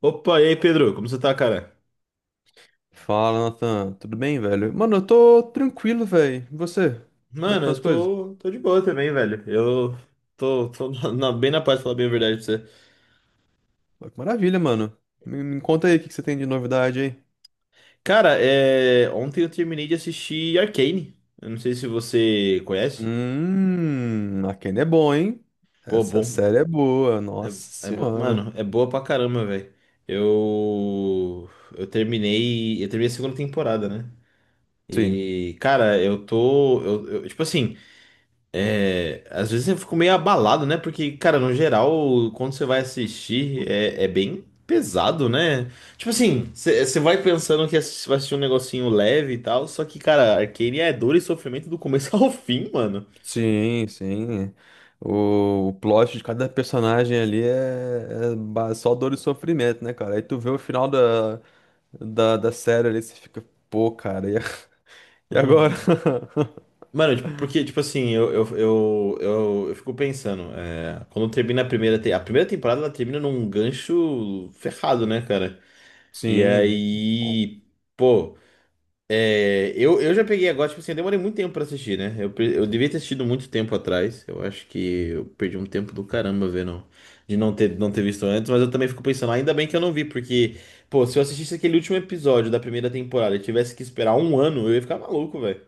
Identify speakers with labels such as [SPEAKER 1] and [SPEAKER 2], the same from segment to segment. [SPEAKER 1] Opa, e aí, Pedro? Como você tá, cara?
[SPEAKER 2] Fala, Nathan. Tudo bem, velho? Mano, eu tô tranquilo, velho. E você? Como é que
[SPEAKER 1] Mano,
[SPEAKER 2] estão as
[SPEAKER 1] eu
[SPEAKER 2] coisas?
[SPEAKER 1] tô de boa também, velho. Eu tô bem na paz, pra falar bem a verdade pra você.
[SPEAKER 2] Pô, que maravilha, mano. Me conta aí o que que você tem de novidade aí.
[SPEAKER 1] Cara, ontem eu terminei de assistir Arcane. Eu não sei se você conhece.
[SPEAKER 2] Arcane é bom, hein?
[SPEAKER 1] Pô,
[SPEAKER 2] Essa
[SPEAKER 1] bom.
[SPEAKER 2] série é boa, nossa senhora.
[SPEAKER 1] Mano, é boa pra caramba, velho. Eu. Eu terminei. Eu terminei a segunda temporada, né?
[SPEAKER 2] Sim,
[SPEAKER 1] E, cara, eu tô. Tipo assim. Às vezes eu fico meio abalado, né? Porque, cara, no geral, quando você vai assistir, é bem pesado, né? Tipo assim, você vai pensando que vai assistir um negocinho leve e tal, só que, cara, Arcane é dor e sofrimento do começo ao fim, mano.
[SPEAKER 2] sim, sim. O plot de cada personagem ali é só dor e sofrimento, né, cara? Aí tu vê o final da série ali, você fica, pô, cara, e agora?
[SPEAKER 1] Uhum. Mano, tipo, porque, tipo assim, eu fico pensando, quando termina a primeira, a primeira temporada, ela termina num gancho ferrado, né, cara? E
[SPEAKER 2] Sim.
[SPEAKER 1] aí, pô. Eu já peguei agora, tipo assim, eu demorei muito tempo pra assistir, né? Eu devia ter assistido muito tempo atrás. Eu acho que eu perdi um tempo do caramba vendo, de não ter, não ter visto antes, mas eu também fico pensando: "Ah, ainda bem que eu não vi, porque, pô, se eu assistisse aquele último episódio da primeira temporada e tivesse que esperar um ano, eu ia ficar maluco, velho."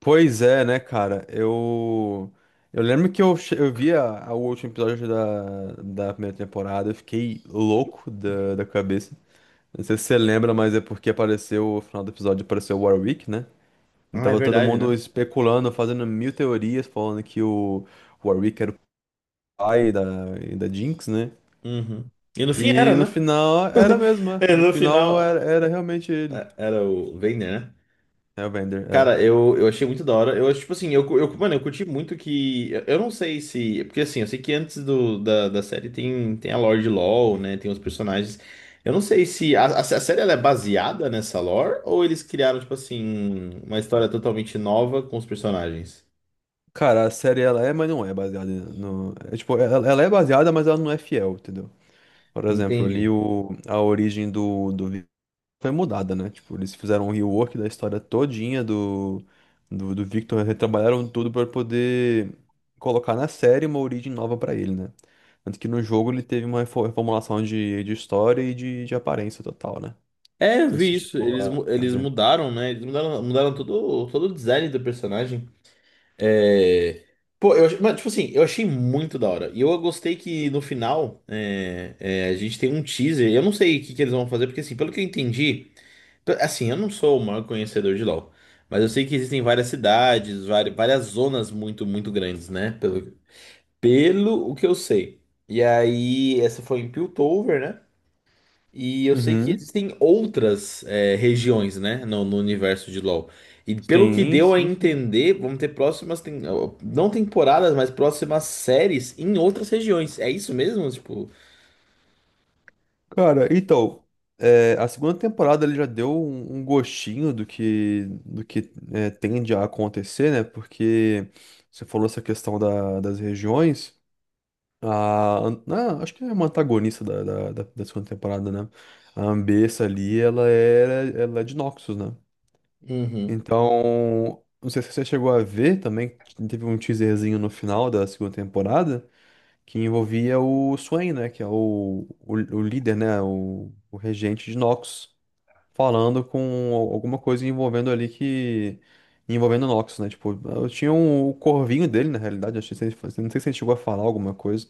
[SPEAKER 2] Pois é, né, cara? Eu. Eu lembro que eu vi o último episódio da primeira temporada, eu fiquei louco da cabeça. Não sei se você lembra, mas é porque apareceu, no final do episódio apareceu o Warwick, né? E
[SPEAKER 1] Ah, é
[SPEAKER 2] tava todo
[SPEAKER 1] verdade,
[SPEAKER 2] mundo
[SPEAKER 1] né?
[SPEAKER 2] especulando, fazendo mil teorias, falando que o Warwick era o pai da Jinx, né?
[SPEAKER 1] Uhum. E no fim
[SPEAKER 2] E
[SPEAKER 1] era,
[SPEAKER 2] no
[SPEAKER 1] né?
[SPEAKER 2] final era mesmo, é. No
[SPEAKER 1] No
[SPEAKER 2] final era,
[SPEAKER 1] final,
[SPEAKER 2] era realmente ele.
[SPEAKER 1] era o Vayner, né?
[SPEAKER 2] É o Vander.
[SPEAKER 1] Cara, eu achei muito da hora. Eu acho, tipo assim, mano, eu curti muito que. Eu não sei se. Porque assim, eu sei que antes da da série tem, tem a lore de LoL, né? Tem os personagens. Eu não sei se. A série ela é baseada nessa lore ou eles criaram, tipo assim, uma história totalmente nova com os personagens?
[SPEAKER 2] Cara, a série ela é, mas não é baseada no. É, tipo, ela é baseada, mas ela não é fiel, entendeu? Por exemplo, ali
[SPEAKER 1] Entendi.
[SPEAKER 2] o, a origem do Victor foi mudada, né? Tipo, eles fizeram um rework da história todinha do Victor, retrabalharam tudo pra poder colocar na série uma origem nova pra ele, né? Tanto que no jogo ele teve uma reformulação de história e de aparência total, né? Não
[SPEAKER 1] É, eu
[SPEAKER 2] sei se
[SPEAKER 1] vi
[SPEAKER 2] você
[SPEAKER 1] isso.
[SPEAKER 2] chegou a, a
[SPEAKER 1] Eles
[SPEAKER 2] ver.
[SPEAKER 1] mudaram, né? Eles mudaram, mudaram todo, todo o design do personagem. É, pô, mas, tipo assim, eu achei muito da hora. E eu gostei que no final é, a gente tem um teaser. Eu não sei o que, que eles vão fazer, porque assim, pelo que eu entendi, assim, eu não sou o maior conhecedor de LoL, mas eu sei que existem várias cidades, várias zonas muito, muito grandes, né? Pelo, pelo o que eu sei. E aí, essa foi em Piltover, né? E eu sei que
[SPEAKER 2] Uhum.
[SPEAKER 1] existem outras regiões, né, no, no universo de LoL. E pelo que
[SPEAKER 2] Sim,
[SPEAKER 1] deu a
[SPEAKER 2] sim, sim.
[SPEAKER 1] entender, vamos ter próximas, não temporadas, mas próximas séries em outras regiões. É isso mesmo? Tipo,
[SPEAKER 2] Cara, então, é, a segunda temporada ele já deu um, um gostinho do que é, tende a acontecer, né? Porque você falou essa questão da- das regiões. Acho que é uma antagonista da da segunda temporada, né? A Ambessa ali, ela é de Noxus, né?
[SPEAKER 1] uhum.
[SPEAKER 2] Então, não sei se você chegou a ver também, teve um teaserzinho no final da segunda temporada que envolvia o Swain, né, que é o líder, né, o regente de Nox, falando com alguma coisa envolvendo ali que... envolvendo Nox, né, tipo, ah, eu tinha um, o corvinho dele, na realidade, acho que se não sei se ele chegou a falar alguma coisa,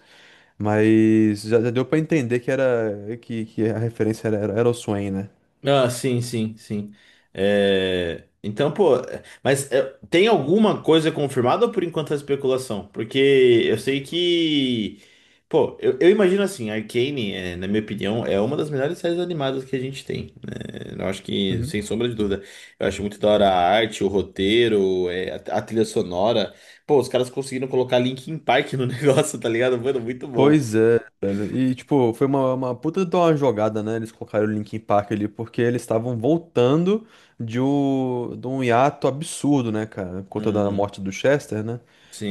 [SPEAKER 2] mas já deu pra entender que era, que a referência era o Swain, né.
[SPEAKER 1] Ah, sim, sim, sim. É, então, pô, tem alguma coisa confirmada ou por enquanto é especulação? Porque eu sei que. Pô, eu imagino assim, Arcane, é, na minha opinião, é uma das melhores séries animadas que a gente tem, né? Eu acho que, sem sombra de dúvida, eu acho muito da hora a arte, o roteiro, a trilha sonora. Pô, os caras conseguiram colocar Linkin Park no negócio, tá ligado? Mano, muito bom.
[SPEAKER 2] Pois é, velho. E, tipo, foi uma puta de uma jogada, né? Eles colocaram o Linkin Park ali porque eles estavam voltando de um hiato absurdo, né, cara? Por conta da
[SPEAKER 1] Uhum.
[SPEAKER 2] morte do Chester, né?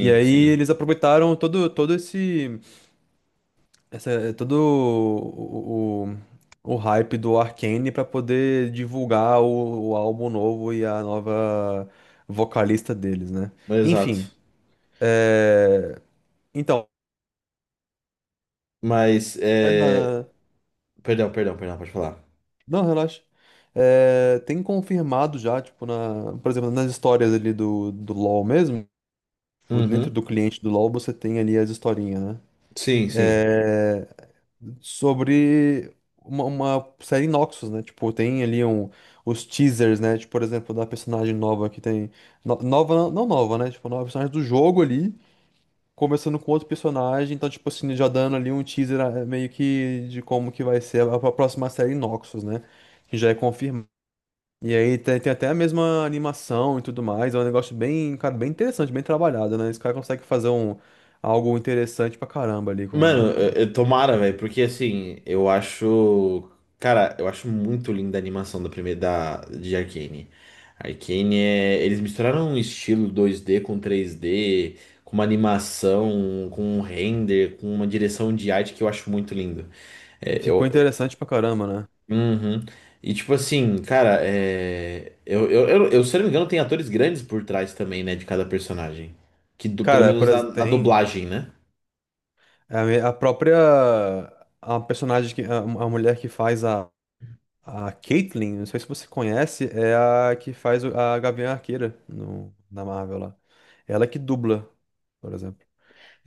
[SPEAKER 2] E aí
[SPEAKER 1] sim.
[SPEAKER 2] eles aproveitaram todo esse, essa, todo o hype do Arcane pra poder divulgar o álbum novo e a nova vocalista deles, né? Enfim,
[SPEAKER 1] Exato.
[SPEAKER 2] é...
[SPEAKER 1] Mas é,
[SPEAKER 2] então...
[SPEAKER 1] perdão, perdão, perdão, pode falar.
[SPEAKER 2] Não, relaxa. É, tem confirmado já, tipo, na, por exemplo, nas histórias ali do LoL mesmo, tipo, dentro
[SPEAKER 1] Uhum.
[SPEAKER 2] do cliente do LoL você tem ali as historinhas, né?
[SPEAKER 1] Sim, sim.
[SPEAKER 2] Sobre uma série Noxus, né? Tipo, tem ali um, os teasers, né? Tipo, por exemplo, da personagem nova que tem. Nova, não nova, né? Tipo, nova personagem do jogo ali, começando com outro personagem, então, tipo assim, já dando ali um teaser meio que de como que vai ser a próxima série Noxus, né? Que já é confirmado. E aí tem até a mesma animação e tudo mais. É um negócio bem, cara, bem interessante, bem trabalhado, né? Esse cara consegue fazer um, algo interessante pra caramba ali
[SPEAKER 1] Mano,
[SPEAKER 2] com-
[SPEAKER 1] tomara, velho, porque assim, eu acho. Cara, eu acho muito linda a animação da primeira da, de Arcane. Arcane é. Eles misturaram um estilo 2D com 3D, com uma animação, com um render, com uma direção de arte que eu acho muito lindo.
[SPEAKER 2] E
[SPEAKER 1] É,
[SPEAKER 2] ficou
[SPEAKER 1] eu,
[SPEAKER 2] interessante pra caramba, né?
[SPEAKER 1] Uhum. E tipo assim, cara, é… eu, se eu não me engano, tem atores grandes por trás também, né, de cada personagem. Pelo
[SPEAKER 2] Cara,
[SPEAKER 1] menos
[SPEAKER 2] por
[SPEAKER 1] na,
[SPEAKER 2] exemplo,
[SPEAKER 1] na
[SPEAKER 2] tem
[SPEAKER 1] dublagem, né?
[SPEAKER 2] a, a própria... A personagem, que, a mulher que faz a Caitlyn, não sei se você conhece, é a que faz a Gavião Arqueira no, na Marvel lá. Ela que dubla, por exemplo.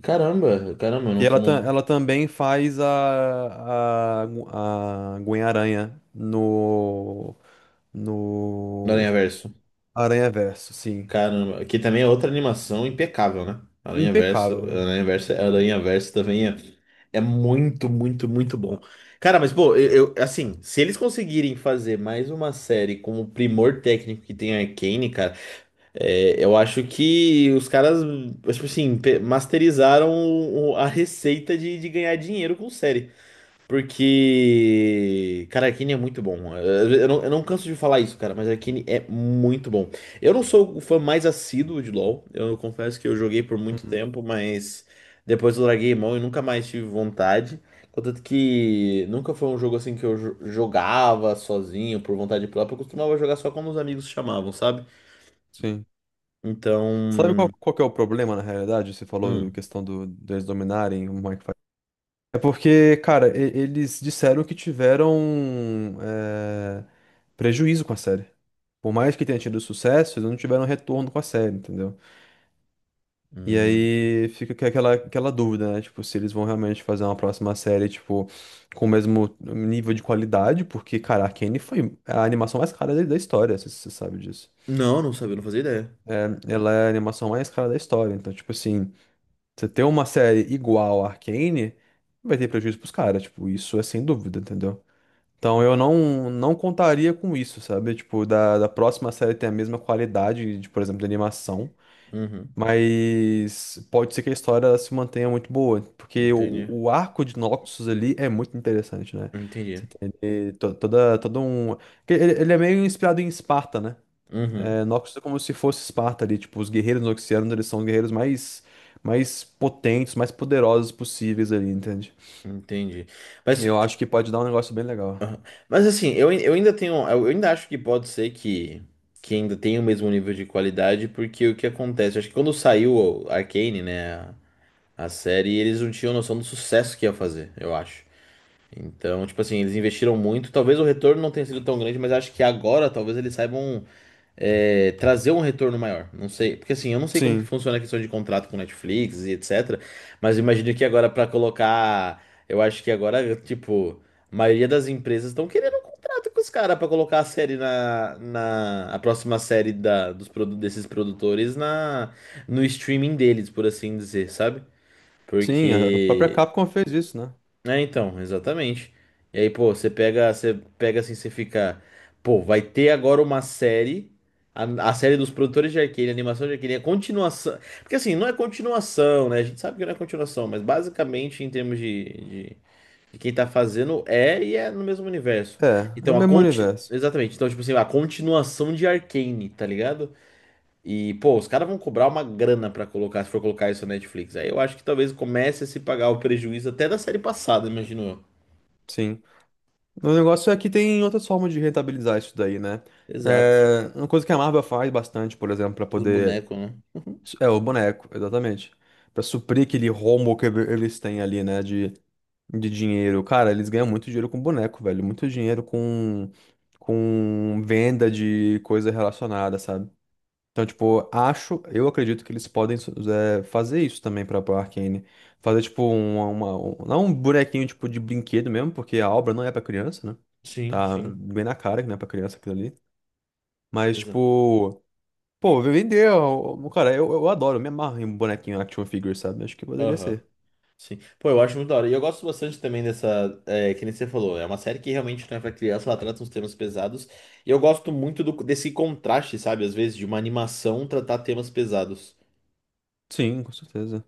[SPEAKER 1] Caramba, caramba, eu
[SPEAKER 2] Que
[SPEAKER 1] não fui no,
[SPEAKER 2] ela também faz a Gwen-Aranha no,
[SPEAKER 1] no
[SPEAKER 2] no
[SPEAKER 1] Aranhaverso.
[SPEAKER 2] Aranha-Verso, sim.
[SPEAKER 1] Caramba, que também é outra animação impecável, né? Aranhaverso,
[SPEAKER 2] Impecável, né?
[SPEAKER 1] Aranhaverso, Aranhaverso também é, é muito, muito, muito bom. Cara, mas pô, assim, se eles conseguirem fazer mais uma série com o primor técnico que tem a Arcane, cara. É, eu acho que os caras, tipo assim, masterizaram a receita de ganhar dinheiro com série. Porque, cara, Arcane é muito bom. Eu não canso de falar isso, cara, mas Arcane é muito bom. Eu não sou o fã mais assíduo de LoL. Eu confesso que eu joguei por muito
[SPEAKER 2] Uhum,
[SPEAKER 1] tempo, mas depois eu larguei mão e nunca mais tive vontade. Contanto que nunca foi um jogo assim que eu jogava sozinho, por vontade própria. Eu costumava jogar só quando os amigos chamavam, sabe?
[SPEAKER 2] sim. Sabe qual,
[SPEAKER 1] Então.
[SPEAKER 2] qual que é o problema, na realidade? Você falou em
[SPEAKER 1] Hum.
[SPEAKER 2] questão do, deles dominarem o Mike. É porque, cara, eles disseram que tiveram é, prejuízo com a série. Por mais que tenha tido sucesso, eles não tiveram retorno com a série, entendeu? E
[SPEAKER 1] Hum.
[SPEAKER 2] aí fica aquela, aquela dúvida, né? Tipo, se eles vão realmente fazer uma próxima série, tipo, com o mesmo nível de qualidade, porque, cara, Arcane foi a animação mais cara da história, se você sabe disso.
[SPEAKER 1] Não, não sabia, não fazia ideia.
[SPEAKER 2] Ela é a animação mais cara da história, então, tipo assim, você ter uma série igual a Arcane, vai ter prejuízo pros caras, tipo, isso é sem dúvida, entendeu? Então eu não contaria com isso, sabe? Tipo, da próxima série ter a mesma qualidade, de, por exemplo, de animação.
[SPEAKER 1] Uhum.
[SPEAKER 2] Mas pode ser que a história se mantenha muito boa, porque o,
[SPEAKER 1] Entendi.
[SPEAKER 2] o arco de Noxus ali é muito interessante, né?
[SPEAKER 1] Entendi.
[SPEAKER 2] Você tem ali toda, todo um. Que ele é meio inspirado em Esparta, né?
[SPEAKER 1] Uhum.
[SPEAKER 2] É, Noxus é como se fosse Esparta ali. Tipo, os guerreiros noxianos, eles são os guerreiros mais, mais potentes, mais poderosos possíveis ali, entende?
[SPEAKER 1] Entendi.
[SPEAKER 2] E
[SPEAKER 1] Mas,
[SPEAKER 2] eu acho que pode dar um negócio bem legal.
[SPEAKER 1] mas assim, eu ainda tenho. Eu ainda acho que pode ser que ainda tenha o mesmo nível de qualidade, porque o que acontece? Acho que quando saiu o Arcane, né, a série, eles não tinham noção do sucesso que ia fazer, eu acho. Então, tipo assim, eles investiram muito. Talvez o retorno não tenha sido tão grande, mas acho que agora talvez eles saibam trazer um retorno maior. Não sei, porque assim, eu não sei como que
[SPEAKER 2] Sim,
[SPEAKER 1] funciona a questão de contrato com Netflix e etc. Mas eu imagino que agora para colocar, eu acho que agora, tipo, a maioria das empresas estão querendo um contrato com os caras para colocar a série na, na a próxima série da, dos desses produtores na no streaming deles, por assim dizer, sabe?
[SPEAKER 2] sim, a própria
[SPEAKER 1] Porque
[SPEAKER 2] Capcom fez isso, né?
[SPEAKER 1] então, exatamente. E aí, pô, você pega assim, você fica, pô, vai ter agora uma série, a, a série dos produtores de Arcane, a animação de Arcane, a continuação. Porque assim, não é continuação, né? A gente sabe que não é continuação, mas basicamente, em termos de quem tá fazendo, é e é no mesmo universo.
[SPEAKER 2] É, é o
[SPEAKER 1] Então, a
[SPEAKER 2] mesmo
[SPEAKER 1] conti…
[SPEAKER 2] universo.
[SPEAKER 1] exatamente. Então, tipo assim, a continuação de Arcane, tá ligado? E, pô, os caras vão cobrar uma grana pra colocar, se for colocar isso na Netflix. Aí eu acho que talvez comece a se pagar o prejuízo até da série passada, imagino eu.
[SPEAKER 2] Sim. O negócio é que tem outras formas de rentabilizar isso daí, né?
[SPEAKER 1] Exato.
[SPEAKER 2] É, uma coisa que a Marvel faz bastante, por exemplo, para
[SPEAKER 1] Os
[SPEAKER 2] poder.
[SPEAKER 1] bonecos, né?
[SPEAKER 2] É o boneco, exatamente. Para suprir aquele rombo que eles têm ali, né? De dinheiro. Cara, eles ganham muito dinheiro com boneco, velho. Muito dinheiro com venda de coisa relacionada, sabe? Então, tipo, acho, eu acredito que eles podem é, fazer isso também pra Arcane. Fazer, tipo, uma, não um bonequinho, tipo, de brinquedo mesmo, porque a obra não é pra criança, né?
[SPEAKER 1] Sim,
[SPEAKER 2] Tá
[SPEAKER 1] sim.
[SPEAKER 2] bem na cara que não é pra criança aquilo ali. Mas,
[SPEAKER 1] Exato.
[SPEAKER 2] tipo, pô, vender, ó, ó, cara, eu adoro, eu me amarro em um bonequinho action figure, sabe? Acho que poderia
[SPEAKER 1] Aham.
[SPEAKER 2] ser.
[SPEAKER 1] Sim. Pô, eu acho muito da hora. E eu gosto bastante também dessa. É, que nem você falou. É uma série que realmente não é pra criança, ela trata uns temas pesados. E eu gosto muito desse contraste, sabe? Às vezes, de uma animação tratar temas pesados.
[SPEAKER 2] Sim, com certeza.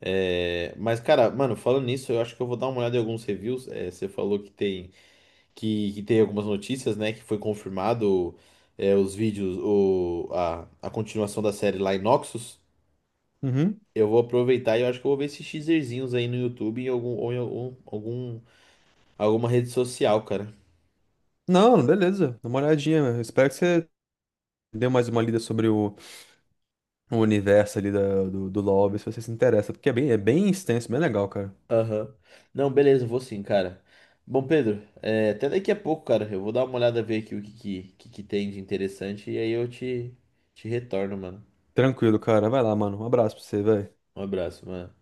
[SPEAKER 1] É, mas, cara, mano, falando nisso, eu acho que eu vou dar uma olhada em alguns reviews. É, você falou que tem. Que teve algumas notícias, né? Que foi confirmado os vídeos, o, a continuação da série lá em Noxus.
[SPEAKER 2] Uhum.
[SPEAKER 1] Eu vou aproveitar e eu acho que eu vou ver esses teaserzinhos aí no YouTube em algum, ou em algum, alguma rede social, cara.
[SPEAKER 2] Não, beleza, dá uma olhadinha. Eu espero que você dê mais uma lida sobre o universo ali da, do LoL, ver se você se interessa, porque é bem extenso, bem legal, cara.
[SPEAKER 1] Aham. Não, beleza, eu vou sim, cara. Bom, Pedro, é, até daqui a pouco, cara. Eu vou dar uma olhada, ver aqui o que, que tem de interessante e aí te retorno, mano.
[SPEAKER 2] Tranquilo, cara. Vai lá, mano. Um abraço pra você, velho.
[SPEAKER 1] Um abraço, mano.